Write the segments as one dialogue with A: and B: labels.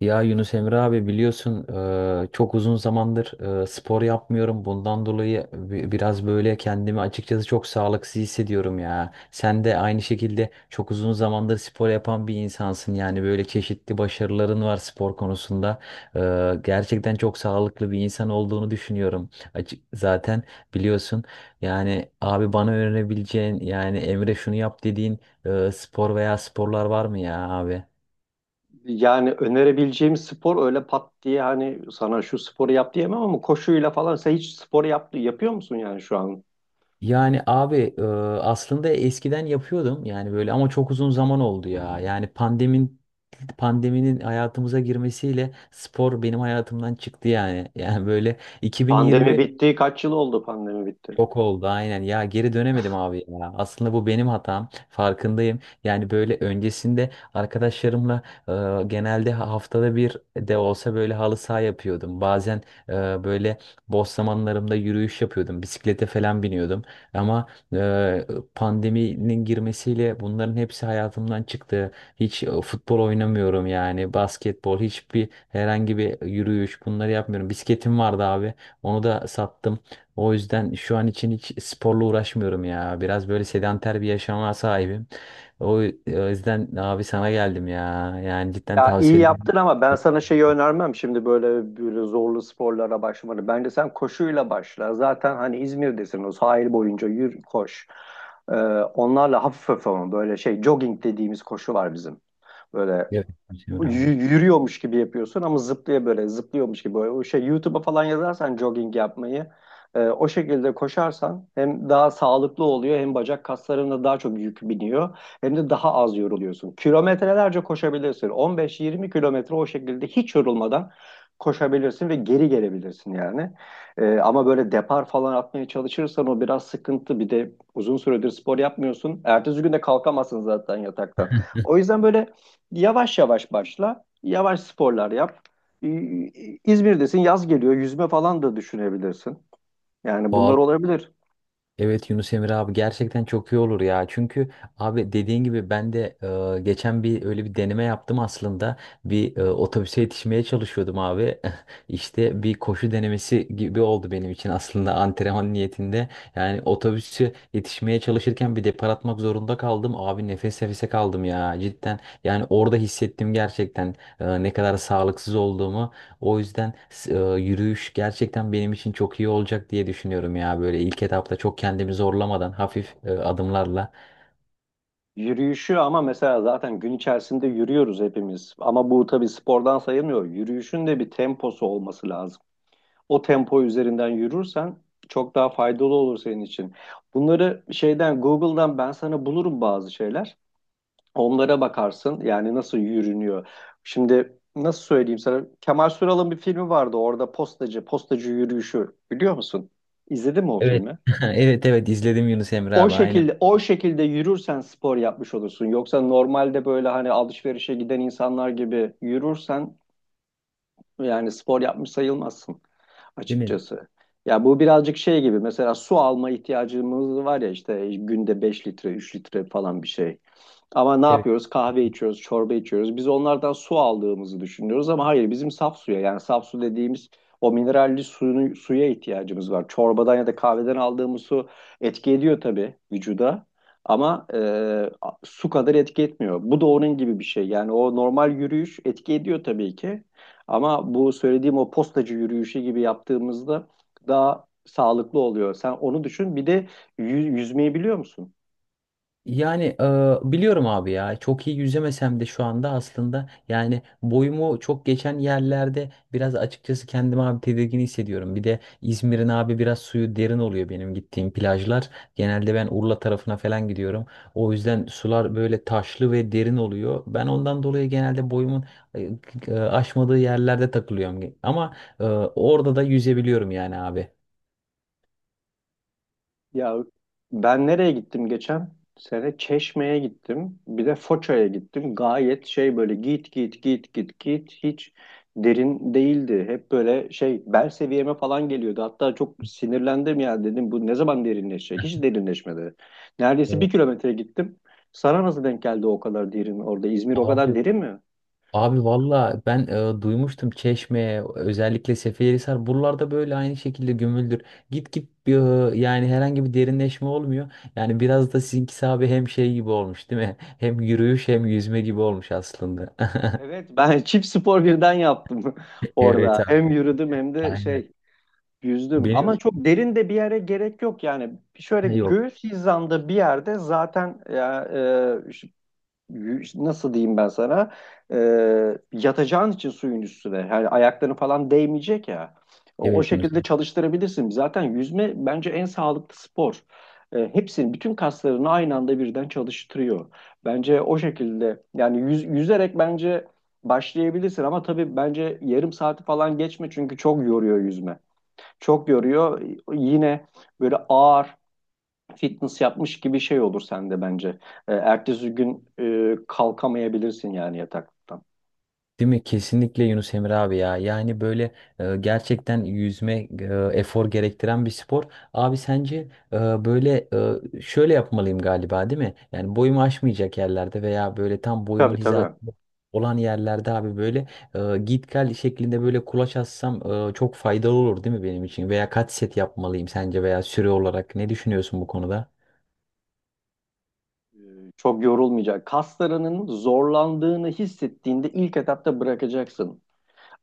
A: Ya Yunus Emre abi biliyorsun, çok uzun zamandır spor yapmıyorum. Bundan dolayı biraz böyle kendimi açıkçası çok sağlıksız hissediyorum ya. Sen de aynı şekilde çok uzun zamandır spor yapan bir insansın. Yani böyle çeşitli başarıların var spor konusunda. Gerçekten çok sağlıklı bir insan olduğunu düşünüyorum. Açık, zaten biliyorsun, yani abi bana öğrenebileceğin, yani Emre şunu yap dediğin spor veya sporlar var mı ya abi?
B: Yani önerebileceğim spor öyle pat diye hani sana şu sporu yap diyemem ama koşuyla falan sen hiç spor yapıyor musun yani şu an?
A: Yani abi aslında eskiden yapıyordum yani böyle, ama çok uzun zaman oldu ya. Yani pandeminin hayatımıza girmesiyle spor benim hayatımdan çıktı yani. Yani böyle
B: Pandemi
A: 2020,
B: bitti. Kaç yıl oldu pandemi bitti?
A: çok oldu aynen ya, geri dönemedim abi ya, aslında bu benim hatam farkındayım. Yani böyle öncesinde arkadaşlarımla e, genelde haftada bir de olsa böyle halı saha yapıyordum, bazen e, böyle boş zamanlarımda yürüyüş yapıyordum, bisiklete falan biniyordum, ama e, pandeminin girmesiyle bunların hepsi hayatımdan çıktı. Hiç futbol oynamıyorum, yani basketbol, hiçbir, herhangi bir yürüyüş, bunları yapmıyorum. Bisikletim vardı abi, onu da sattım. O yüzden şu an için hiç sporla uğraşmıyorum ya. Biraz böyle sedanter bir yaşama sahibim. O yüzden abi sana geldim ya. Yani cidden
B: Ya iyi
A: tavsiyelerini.
B: yaptın ama ben sana şeyi önermem şimdi böyle zorlu sporlara başlamanı. Bence sen koşuyla başla. Zaten hani İzmir'desin, o sahil boyunca yürü, koş. Ee, Onlarla hafif hafif, ama böyle şey, jogging dediğimiz koşu var bizim. Böyle
A: Evet. Hüseyin abi.
B: yürüyormuş gibi yapıyorsun ama zıplaya, böyle zıplıyormuş gibi. Böyle. O şey YouTube'a falan yazarsan jogging yapmayı, o şekilde koşarsan hem daha sağlıklı oluyor, hem bacak kaslarına daha çok yük biniyor, hem de daha az yoruluyorsun. Kilometrelerce koşabilirsin. 15-20 kilometre o şekilde hiç yorulmadan koşabilirsin ve geri gelebilirsin yani. Ama böyle depar falan atmaya çalışırsan o biraz sıkıntı. Bir de uzun süredir spor yapmıyorsun. Ertesi gün de kalkamazsın zaten yataktan. O yüzden böyle yavaş yavaş başla. Yavaş sporlar yap. Ee, İzmir'desin, yaz geliyor. Yüzme falan da düşünebilirsin. Yani bunlar
A: Pahalı.
B: olabilir.
A: Evet Yunus Emre abi, gerçekten çok iyi olur ya. Çünkü abi dediğin gibi ben de geçen bir öyle bir deneme yaptım aslında. Bir otobüse yetişmeye çalışıyordum abi. İşte bir koşu denemesi gibi oldu benim için, aslında antrenman niyetinde. Yani otobüse yetişmeye çalışırken bir depar atmak zorunda kaldım. Abi nefes nefese kaldım ya cidden. Yani orada hissettim gerçekten ne kadar sağlıksız olduğumu. O yüzden yürüyüş gerçekten benim için çok iyi olacak diye düşünüyorum ya. Böyle ilk etapta çok kendimi zorlamadan, hafif adımlarla.
B: Yürüyüşü ama mesela, zaten gün içerisinde yürüyoruz hepimiz. Ama bu tabii spordan sayılmıyor. Yürüyüşün de bir temposu olması lazım. O tempo üzerinden yürürsen çok daha faydalı olur senin için. Bunları şeyden, Google'dan ben sana bulurum bazı şeyler. Onlara bakarsın yani, nasıl yürünüyor. Şimdi nasıl söyleyeyim sana? Kemal Sunal'ın bir filmi vardı, orada postacı, postacı yürüyüşü biliyor musun? İzledin mi o
A: Evet.
B: filmi?
A: Evet, evet, izledim Yunus Emre
B: O
A: abi, aynen.
B: şekilde, o şekilde yürürsen spor yapmış olursun. Yoksa normalde böyle hani alışverişe giden insanlar gibi yürürsen yani spor yapmış sayılmazsın
A: Değil mi?
B: açıkçası. Ya bu birazcık şey gibi, mesela su alma ihtiyacımız var ya, işte günde 5 litre, 3 litre falan bir şey. Ama ne
A: Evet.
B: yapıyoruz? Kahve içiyoruz, çorba içiyoruz. Biz onlardan su aldığımızı düşünüyoruz ama hayır, bizim saf suya, yani saf su dediğimiz o mineralli suyunu, suya ihtiyacımız var. Çorbadan ya da kahveden aldığımız su etki ediyor tabii vücuda, ama su kadar etki etmiyor. Bu da onun gibi bir şey. Yani o normal yürüyüş etki ediyor tabii ki, ama bu söylediğim o postacı yürüyüşü gibi yaptığımızda daha sağlıklı oluyor. Sen onu düşün. Bir de yüzmeyi biliyor musun?
A: Yani biliyorum abi ya, çok iyi yüzemesem de şu anda, aslında yani boyumu çok geçen yerlerde biraz açıkçası kendimi abi tedirgin hissediyorum. Bir de İzmir'in abi biraz suyu derin oluyor, benim gittiğim plajlar. Genelde ben Urla tarafına falan gidiyorum. O yüzden sular böyle taşlı ve derin oluyor. Ben ondan dolayı genelde boyumun e, aşmadığı yerlerde takılıyorum. Ama orada da yüzebiliyorum yani abi.
B: Ya, ben nereye gittim geçen sene? Çeşme'ye gittim. Bir de Foça'ya gittim. Gayet şey, böyle git git git git git, hiç derin değildi. Hep böyle şey, bel seviyeme falan geliyordu. Hatta çok sinirlendim ya, dedim bu ne zaman derinleşecek? Hiç derinleşmedi. Neredeyse bir
A: Evet.
B: kilometre gittim. Sana nasıl denk geldi o kadar derin orada? İzmir o kadar
A: Abi,
B: derin mi?
A: Valla ben duymuştum Çeşme, özellikle Seferihisar, buralarda böyle aynı şekilde gömüldür. Git git e, yani herhangi bir derinleşme olmuyor. Yani biraz da sizinkisi abi hem şey gibi olmuş değil mi? Hem yürüyüş hem yüzme gibi olmuş aslında.
B: Evet, ben çift spor birden yaptım orada.
A: Evet
B: Hem
A: abi,
B: yürüdüm hem de
A: aynen.
B: yüzdüm, ama
A: Benim.
B: çok derin de bir yere gerek yok yani, şöyle
A: Ha, yok.
B: göğüs hizamda bir yerde zaten ya. e, ş- Nasıl diyeyim ben sana, e, yatacağın için suyun üstüne, yani ayakların falan değmeyecek ya, o
A: Evet Yunus.
B: şekilde çalıştırabilirsin zaten. Yüzme bence en sağlıklı spor. Hepsini, bütün kaslarını aynı anda birden çalıştırıyor. Bence o şekilde yani, yüzerek bence başlayabilirsin, ama tabii bence yarım saati falan geçme, çünkü çok yoruyor yüzme, çok yoruyor. Yine böyle ağır fitness yapmış gibi şey olur sende bence. Ertesi gün kalkamayabilirsin yani yataktan.
A: Değil mi? Kesinlikle Yunus Emre abi ya. Yani böyle gerçekten yüzme efor gerektiren bir spor. Abi sence e, böyle şöyle yapmalıyım galiba değil mi? Yani boyumu aşmayacak yerlerde veya böyle tam
B: Tabii
A: boyumun
B: tabii.
A: hizasında olan yerlerde abi böyle git gel şeklinde böyle kulaç assam çok faydalı olur değil mi benim için? Veya kaç set yapmalıyım sence, veya süre olarak ne düşünüyorsun bu konuda?
B: Çok yorulmayacak. Kaslarının zorlandığını hissettiğinde ilk etapta bırakacaksın.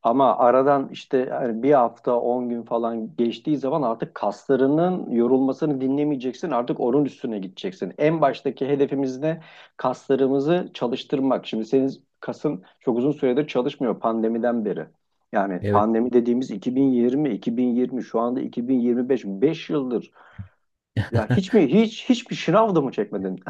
B: Ama aradan işte, yani bir hafta 10 gün falan geçtiği zaman artık kaslarının yorulmasını dinlemeyeceksin. Artık onun üstüne gideceksin. En baştaki hedefimiz ne? Kaslarımızı çalıştırmak. Şimdi senin kasın çok uzun süredir çalışmıyor, pandemiden beri. Yani
A: Evet.
B: pandemi dediğimiz 2020, 2020, şu anda 2025, beş yıldır. Ya hiç mi hiç hiçbir şınav da mı çekmedin?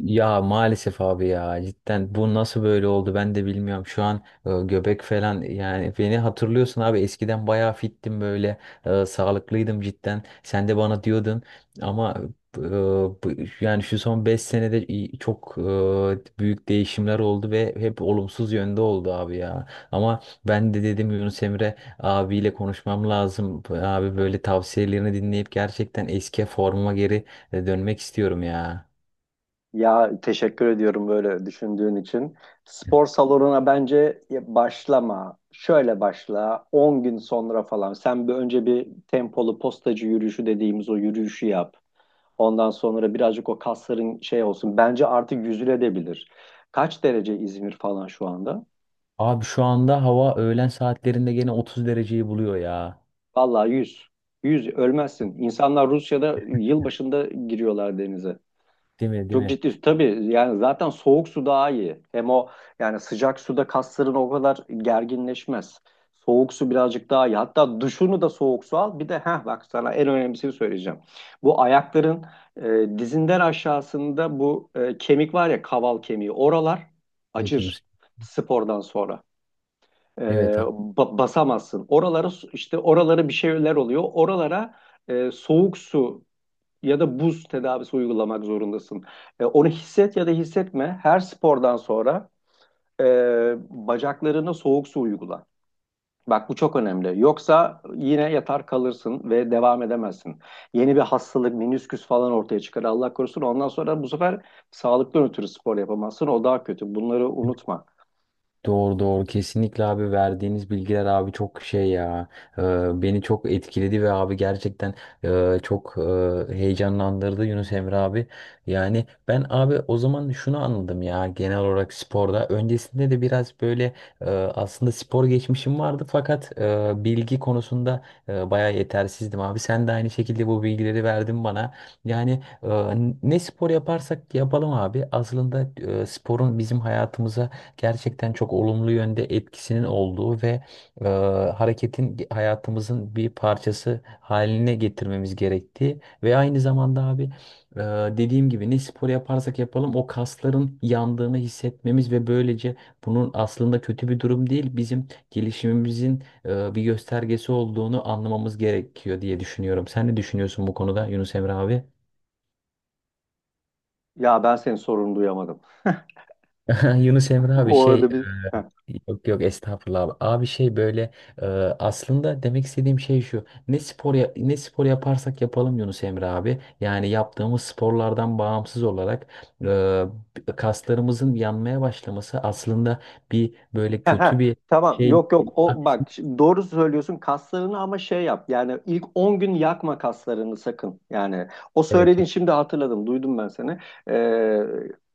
A: Ya maalesef abi ya, cidden bu nasıl böyle oldu ben de bilmiyorum. Şu an göbek falan, yani beni hatırlıyorsun abi, eskiden bayağı fittim böyle, sağlıklıydım cidden. Sen de bana diyordun. Ama e, bu- yani şu son 5 senede çok büyük değişimler oldu ve hep olumsuz yönde oldu abi ya. Ama ben de dedim Yunus Emre abiyle konuşmam lazım. Abi böyle tavsiyelerini dinleyip gerçekten eski formuma geri dönmek istiyorum ya.
B: Ya, teşekkür ediyorum böyle düşündüğün için. Spor salonuna bence başlama. Şöyle başla: 10 gün sonra falan. Sen önce bir tempolu postacı yürüyüşü dediğimiz o yürüyüşü yap. Ondan sonra birazcık o kasların şey olsun. Bence artık yüzülebilir. Kaç derece İzmir falan şu anda?
A: Abi şu anda hava öğlen saatlerinde gene 30 dereceyi buluyor ya.
B: Vallahi yüz ölmezsin. İnsanlar Rusya'da yılbaşında giriyorlar denize.
A: Değil mi? Değil
B: Çok
A: mi?
B: ciddi. Tabii yani zaten soğuk su daha iyi. Hem o yani, sıcak suda kasların o kadar gerginleşmez. Soğuk su birazcık daha iyi. Hatta duşunu da soğuk su al. Bir de heh, bak sana en önemlisini söyleyeceğim. Bu ayakların dizinden aşağısında, bu kemik var ya, kaval kemiği. Oralar
A: Evet Yunus.
B: acır spordan sonra. E,
A: Evet.
B: Basamazsın. Oralara işte, oralara bir şeyler oluyor. Oralara soğuk su ya da buz tedavisi uygulamak zorundasın. Onu hisset ya da hissetme, her spordan sonra e, bacaklarına soğuk su uygula. Bak bu çok önemli. Yoksa yine yatar kalırsın ve devam edemezsin. Yeni bir hastalık, menisküs falan ortaya çıkar. Allah korusun. Ondan sonra bu sefer sağlıktan ötürü spor yapamazsın. O daha kötü. Bunları unutma.
A: Doğru, doğru, kesinlikle abi. Verdiğiniz bilgiler abi çok şey ya, Ee, beni çok etkiledi ve abi gerçekten çok heyecanlandırdı Yunus Emre abi. Yani ben abi o zaman şunu anladım ya, genel olarak sporda öncesinde de biraz böyle aslında spor geçmişim vardı, fakat bilgi konusunda bayağı yetersizdim abi. Sen de aynı şekilde bu bilgileri verdin bana. Yani ne spor yaparsak yapalım abi, aslında sporun bizim hayatımıza gerçekten çok olumlu yönde etkisinin olduğu ve e, hareketin hayatımızın bir parçası haline getirmemiz gerektiği ve aynı zamanda abi e, dediğim gibi ne spor yaparsak yapalım o kasların yandığını hissetmemiz ve böylece bunun aslında kötü bir durum değil, bizim gelişimimizin bir göstergesi olduğunu anlamamız gerekiyor diye düşünüyorum. Sen ne düşünüyorsun bu konuda Yunus Emre abi?
B: Ya, ben senin sorunu duyamadım.
A: Yunus Emre abi
B: O
A: şey.
B: arada bir. Heh.
A: Yok, yok, estağfurullah abi. Abi şey böyle e, aslında demek istediğim şey şu. Ne spor yaparsak yapalım Yunus Emre abi. Yani yaptığımız sporlardan bağımsız olarak kaslarımızın yanmaya başlaması aslında bir böyle
B: Ha,
A: kötü
B: ha,
A: bir
B: tamam,
A: şey
B: yok
A: değil.
B: yok, o bak, şimdi doğru söylüyorsun kaslarını, ama şey yap yani, ilk 10 gün yakma kaslarını sakın yani, o
A: Evet.
B: söylediğin, şimdi hatırladım, duydum ben seni. Ee,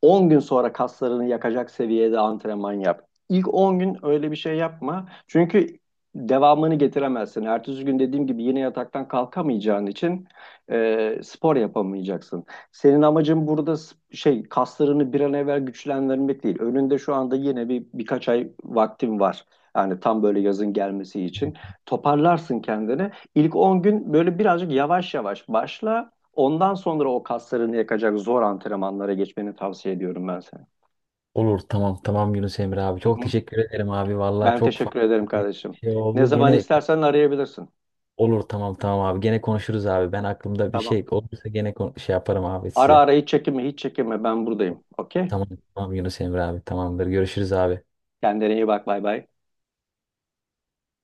B: 10 gün sonra kaslarını yakacak seviyede antrenman yap. İlk 10 gün öyle bir şey yapma, çünkü devamını getiremezsin, ertesi gün dediğim gibi yine yataktan kalkamayacağın için spor yapamayacaksın. Senin amacın burada kaslarını bir an evvel güçlendirmek değil. Önünde şu anda yine birkaç ay vaktin var. Yani tam böyle yazın gelmesi için. Toparlarsın kendini. İlk 10 gün böyle birazcık yavaş yavaş başla. Ondan sonra o kaslarını yakacak zor antrenmanlara geçmeni tavsiye ediyorum ben sana.
A: Olur, tamam tamam Yunus Emre abi.
B: Hı
A: Çok
B: hı.
A: teşekkür ederim abi. Vallahi
B: Ben
A: çok
B: teşekkür ederim
A: farklı bir
B: kardeşim.
A: şey
B: Ne
A: oldu.
B: zaman
A: Gene
B: istersen arayabilirsin.
A: olur, tamam tamam abi. Gene konuşuruz abi. Ben aklımda bir
B: Tamam.
A: şey olursa gene şey yaparım abi
B: Ara
A: size.
B: ara, hiç çekinme, hiç çekinme, ben buradayım. Okey?
A: Tamam, tamam Yunus Emre abi. Tamamdır. Görüşürüz abi.
B: Kendine iyi bak, bay bay.